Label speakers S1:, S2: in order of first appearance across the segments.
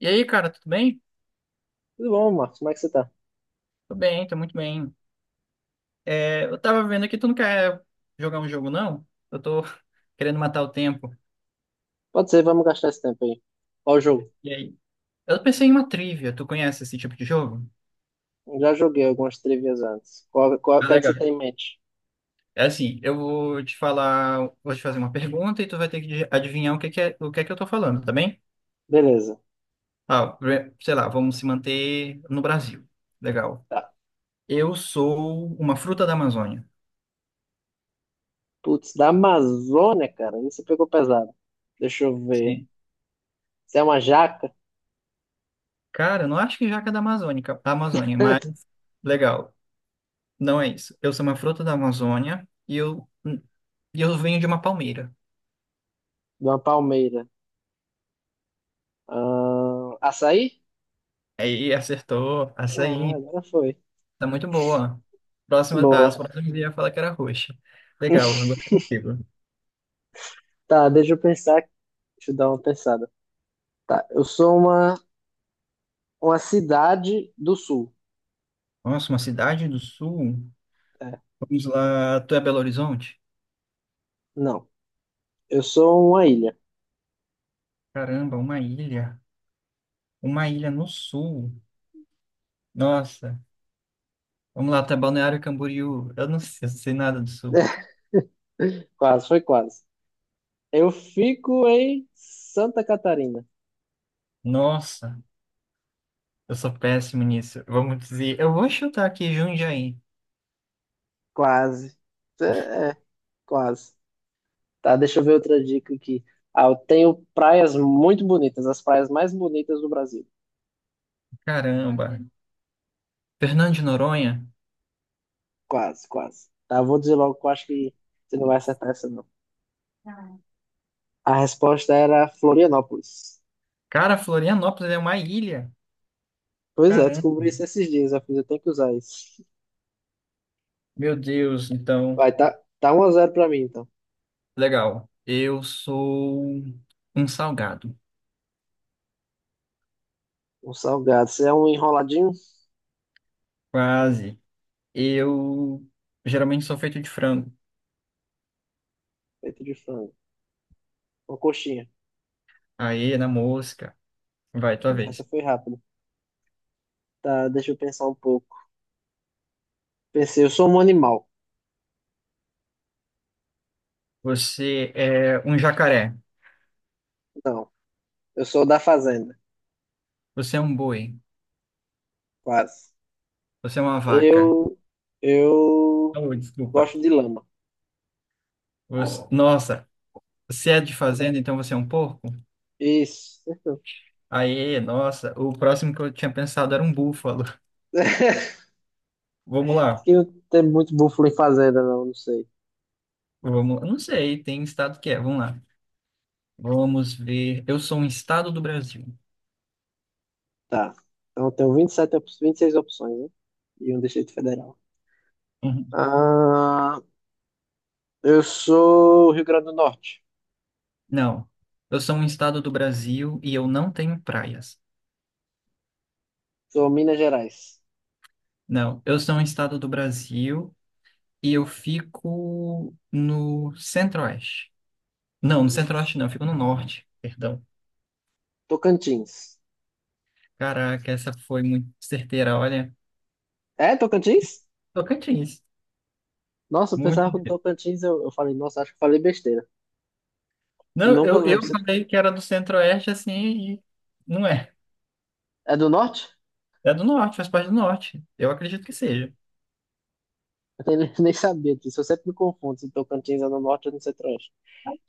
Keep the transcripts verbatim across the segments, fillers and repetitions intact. S1: E aí, cara, tudo bem?
S2: Tudo bom, Marcos? Como é que você tá?
S1: Tô bem, tô muito bem. É, eu tava vendo aqui, tu não quer jogar um jogo, não? Eu tô querendo matar o tempo.
S2: Pode ser, vamos gastar esse tempo aí. Qual o jogo?
S1: E aí? Eu pensei em uma trivia. Tu conhece esse tipo de jogo?
S2: Já joguei algumas trivias antes. Qual, qual, o
S1: Ah,
S2: que é que você
S1: legal.
S2: tem em mente?
S1: É assim, eu vou te falar, vou te fazer uma pergunta e tu vai ter que adivinhar o que que é, o que é que eu tô falando, tá bem?
S2: Beleza.
S1: Ah, pre- sei lá, vamos se manter no Brasil. Legal.
S2: Tá.
S1: Eu sou uma fruta da Amazônia.
S2: Putz, da Amazônia, cara. Isso pegou pesado. Deixa eu ver.
S1: Sim.
S2: Você é uma jaca?
S1: Cara, eu não acho que jaca é da Amazônica, da Amazônia, mas legal. Não é isso. Eu sou uma fruta da Amazônia e eu, e eu venho de uma palmeira.
S2: De uma palmeira. Ah, açaí?
S1: Aí acertou,
S2: Ah,
S1: açaí.
S2: agora foi.
S1: Tá muito boa. Próxima, as
S2: Boa.
S1: próximas eu ia falar que era roxa. Legal, agora é contigo.
S2: Tá, deixa eu pensar. Deixa eu dar uma pensada. Tá, eu sou uma, uma cidade do sul.
S1: Nossa, uma cidade do sul.
S2: É,
S1: Vamos lá, tu é Belo Horizonte?
S2: não. Eu sou uma ilha.
S1: Caramba, uma ilha. Uma ilha no sul. Nossa. Vamos lá, tu é Balneário Camboriú. Eu não sei, eu não sei nada do sul.
S2: Quase, foi quase. Eu fico em Santa Catarina.
S1: Nossa, eu sou péssimo nisso. Vamos dizer, eu vou chutar aqui Jundiaí.
S2: Quase. É, é, quase. Tá, deixa eu ver outra dica aqui. Ah, eu tenho praias muito bonitas, as praias mais bonitas do Brasil.
S1: Caramba. Fernando de Noronha?
S2: Quase, quase. Tá, eu vou dizer logo que eu acho que você não vai acertar essa, não. A resposta era Florianópolis.
S1: Cara, Florianópolis é uma ilha.
S2: Pois é,
S1: Caramba.
S2: descobri isso esses dias, eu fiz, eu tenho que usar isso.
S1: Meu Deus, então.
S2: Vai, tá, tá um a zero pra mim, então.
S1: Legal. Eu sou um salgado.
S2: Um salgado. Você é um enroladinho
S1: Quase. Eu geralmente sou feito de frango.
S2: feito de frango. Uma coxinha.
S1: Aê, na mosca. Vai, tua
S2: Essa
S1: vez.
S2: foi rápida. Tá, deixa eu pensar um pouco. Pensei, eu sou um animal.
S1: Você é um jacaré.
S2: Não, eu sou da fazenda,
S1: Você é um boi.
S2: quase.
S1: Você é uma vaca.
S2: Eu, eu
S1: Oh, desculpa.
S2: gosto de lama.
S1: Você- Nossa, se é de fazenda, então você é um porco?
S2: Isso.
S1: Aê, nossa. O próximo que eu tinha pensado era um búfalo.
S2: Acho
S1: Vamos lá.
S2: que não tem muito búfalo em fazenda, não, não sei.
S1: Vamos, eu não sei, tem estado que é. Vamos lá. Vamos ver. Eu sou um estado do Brasil.
S2: Tá. Então eu tenho vinte e sete, op- vinte e seis opções, né? E um Distrito Federal.
S1: Uhum.
S2: Ah, eu sou Rio Grande do Norte.
S1: Não. Eu sou um estado do Brasil e eu não tenho praias.
S2: Sou Minas Gerais.
S1: Não. Eu sou um estado do Brasil e eu fico no centro-oeste. Não, no centro-oeste não, eu fico no norte. Perdão.
S2: Tocantins.
S1: Caraca, essa foi muito certeira, olha.
S2: É, Tocantins?
S1: Tocantins.
S2: Nossa, eu
S1: Muito
S2: pensava que no
S1: certeira.
S2: Tocantins eu, eu falei, nossa, acho que eu falei besteira.
S1: Não,
S2: Nunca
S1: eu,
S2: lembro
S1: eu
S2: se.
S1: falei que era do centro-oeste assim e não é.
S2: É do norte?
S1: É do norte, faz parte do norte. Eu acredito que seja.
S2: Eu nem, nem sabia disso. Eu sempre me confundo se Tocantins é no norte ou no centro-oeste.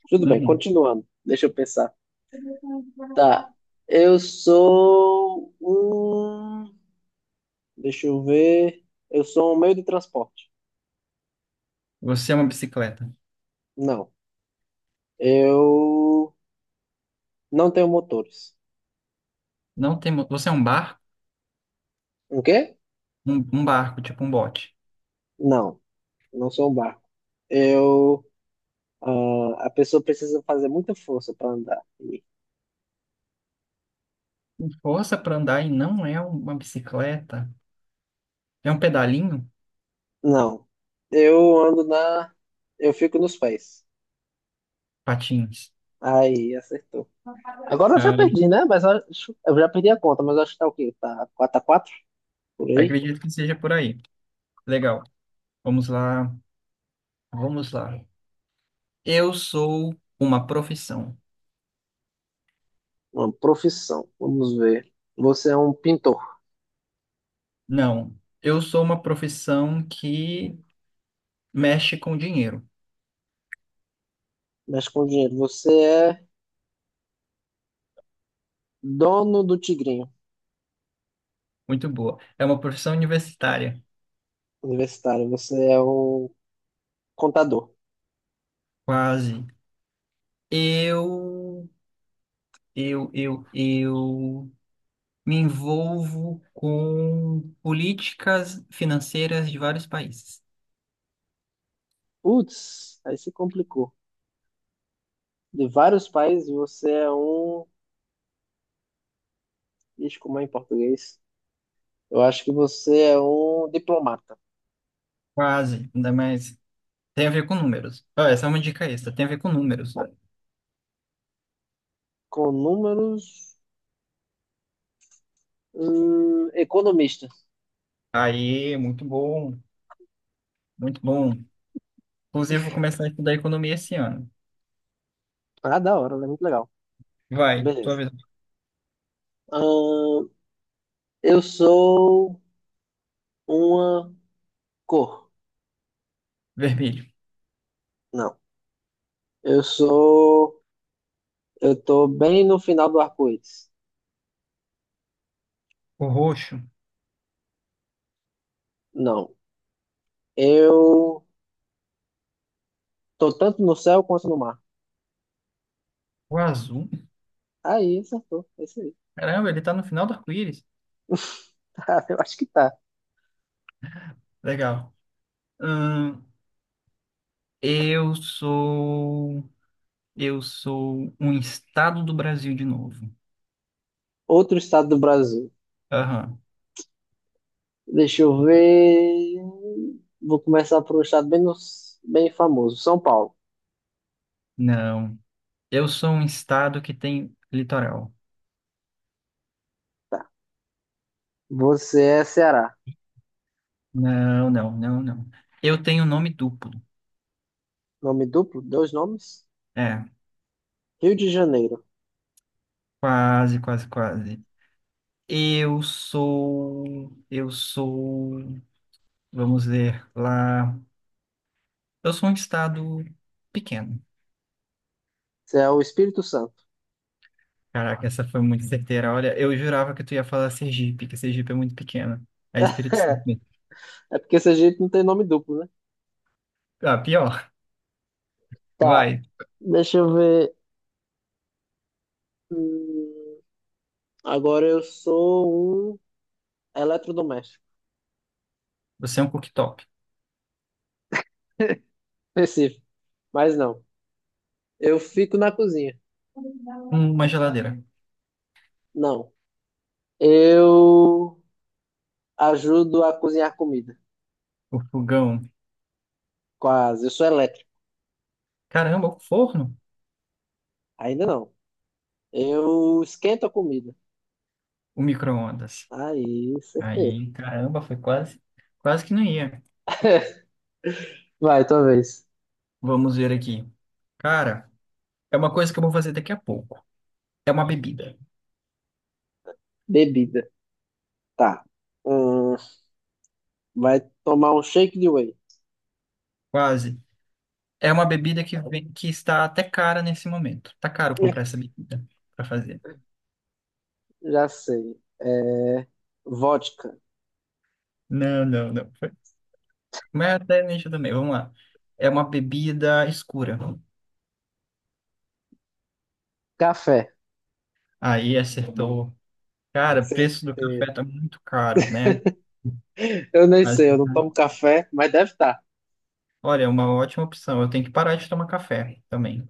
S2: Tudo bem,
S1: Uhum.
S2: continuando. Deixa eu pensar. Tá. Eu sou um. Deixa eu ver. Eu sou um meio de transporte.
S1: Você é uma bicicleta.
S2: Não. Eu não tenho motores.
S1: Não tem, mo- Você é um barco,
S2: O quê?
S1: um, um barco, tipo um bote.
S2: Não. Não sou um barco. Eu. Ah, a pessoa precisa fazer muita força para andar.
S1: Tem força para andar e não é um, uma bicicleta. É um pedalinho?
S2: Não. Eu ando na. Eu fico nos pés.
S1: Patins.
S2: Aí, acertou. Agora eu já
S1: Ah,
S2: perdi, né? Mas acho, eu já perdi a conta, mas acho que tá o quê? Tá quatro a quatro por aí?
S1: acredito que seja por aí. Legal. Vamos lá. Vamos lá. Eu sou uma profissão.
S2: Uma profissão. Vamos ver. Você é um pintor,
S1: Não. Eu sou uma profissão que mexe com dinheiro.
S2: mexe com dinheiro. Você é dono do Tigrinho
S1: Muito boa. É uma profissão universitária.
S2: Universitário. Você é um contador.
S1: Quase. Eu, eu, eu, eu. Me envolvo com políticas financeiras de vários países.
S2: Putz, aí se complicou. De vários países, você é um. Ixi, como é em português? Eu acho que você é um diplomata.
S1: Quase, ainda mais. Tem a ver com números. Ah, essa é uma dica extra, tem a ver com números.
S2: Com números. hum, economista.
S1: Aí, muito bom, muito bom. Inclusive, vou começar a estudar economia esse ano.
S2: Ah, da hora, né? Muito legal.
S1: Vai, tua
S2: Beleza.
S1: vez.
S2: Ahn, Eu sou uma cor.
S1: Vermelho,
S2: Não. Eu sou. Eu tô bem no final do arco-íris.
S1: o roxo,
S2: Não. Eu tô tanto no céu quanto no mar.
S1: o azul.
S2: Aí, acertou. É isso aí.
S1: Caramba, ele tá no final do arco-íris.
S2: Tá, eu acho que tá.
S1: Legal. Hum, eu sou. Eu sou um estado do Brasil de novo.
S2: Outro estado do Brasil.
S1: Aham.
S2: Deixa eu ver. Vou começar por um estado bem, no- bem famoso. São Paulo.
S1: Não. Eu sou um estado que tem litoral.
S2: Tá. Você é Ceará.
S1: Não, não, não, não. Eu tenho nome duplo.
S2: Nome duplo? Dois nomes?
S1: É,
S2: Rio de Janeiro.
S1: quase, quase, quase. Eu sou, eu sou, vamos ver lá. Eu sou um estado pequeno.
S2: Você é o Espírito Santo.
S1: Caraca, essa foi muito certeira. Olha, eu jurava que tu ia falar Sergipe, que Sergipe é muito pequeno. É Espírito Santo mesmo.
S2: É porque esse jeito não tem nome duplo, né?
S1: Ah, pior.
S2: Tá,
S1: Vai.
S2: deixa eu ver. Hum, agora eu sou um eletrodoméstico.
S1: Você é um cooktop.
S2: Específico, mas não. Eu fico na cozinha.
S1: Uma geladeira.
S2: Não. Eu ajudo a cozinhar comida.
S1: O fogão.
S2: Quase. Eu sou elétrico.
S1: Caramba, o forno.
S2: Ainda não. Eu esquento a comida.
S1: O micro-ondas.
S2: Aí, certeiro.
S1: Aí, caramba, foi quase, quase que não ia.
S2: Vai, talvez.
S1: Vamos ver aqui. Cara, é uma coisa que eu vou fazer daqui a pouco. É uma bebida.
S2: Bebida. Tá. Hum, vai tomar um shake de whey.
S1: Quase. É uma bebida que vem, que está até cara nesse momento. Tá caro comprar essa bebida para fazer.
S2: Já sei. É, vodka.
S1: Não, não, não. Foi- Mas até nicho também. Vamos lá. É uma bebida escura.
S2: Café.
S1: Aí acertou. Cara, o preço do
S2: Certeiro.
S1: café tá muito caro, né?
S2: Eu nem
S1: Mas,
S2: sei, eu não tomo café, mas deve estar.
S1: olha, é uma ótima opção. Eu tenho que parar de tomar café também.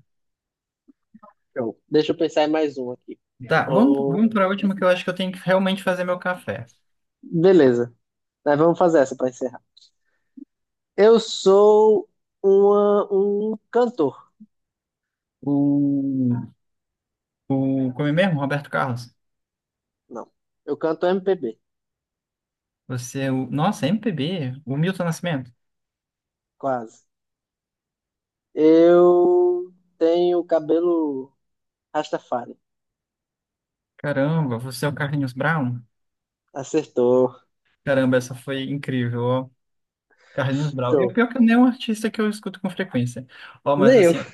S2: Então, deixa eu pensar em mais um aqui.
S1: Tá, vamos,
S2: Oh,
S1: vamos para a última que eu acho que eu tenho que realmente fazer meu café.
S2: beleza. Mas vamos fazer essa para encerrar. Eu sou uma- um cantor.
S1: O, o como é mesmo, Roberto Carlos?
S2: Não, eu canto M P B,
S1: Você, é o, nossa, M P B, o Milton Nascimento.
S2: quase. Eu tenho cabelo Rastafari.
S1: Caramba, você é o Carlinhos Brown?
S2: Acertou.
S1: Caramba, essa foi incrível, ó. Carlinhos Brown. Eu,
S2: Show.
S1: pior que não é um artista que eu escuto com frequência. Ó, mas
S2: Nem eu.
S1: assim, ó.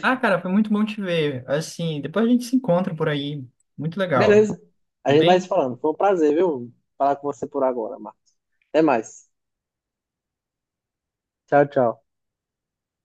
S1: ah, Cara, foi muito bom te ver. Assim, depois a gente se encontra por aí. Muito legal.
S2: Beleza. A
S1: Tudo
S2: gente vai se
S1: bem?
S2: falando. Foi um prazer, viu? Falar com você por agora, Marcos. Até mais. Tchau, tchau.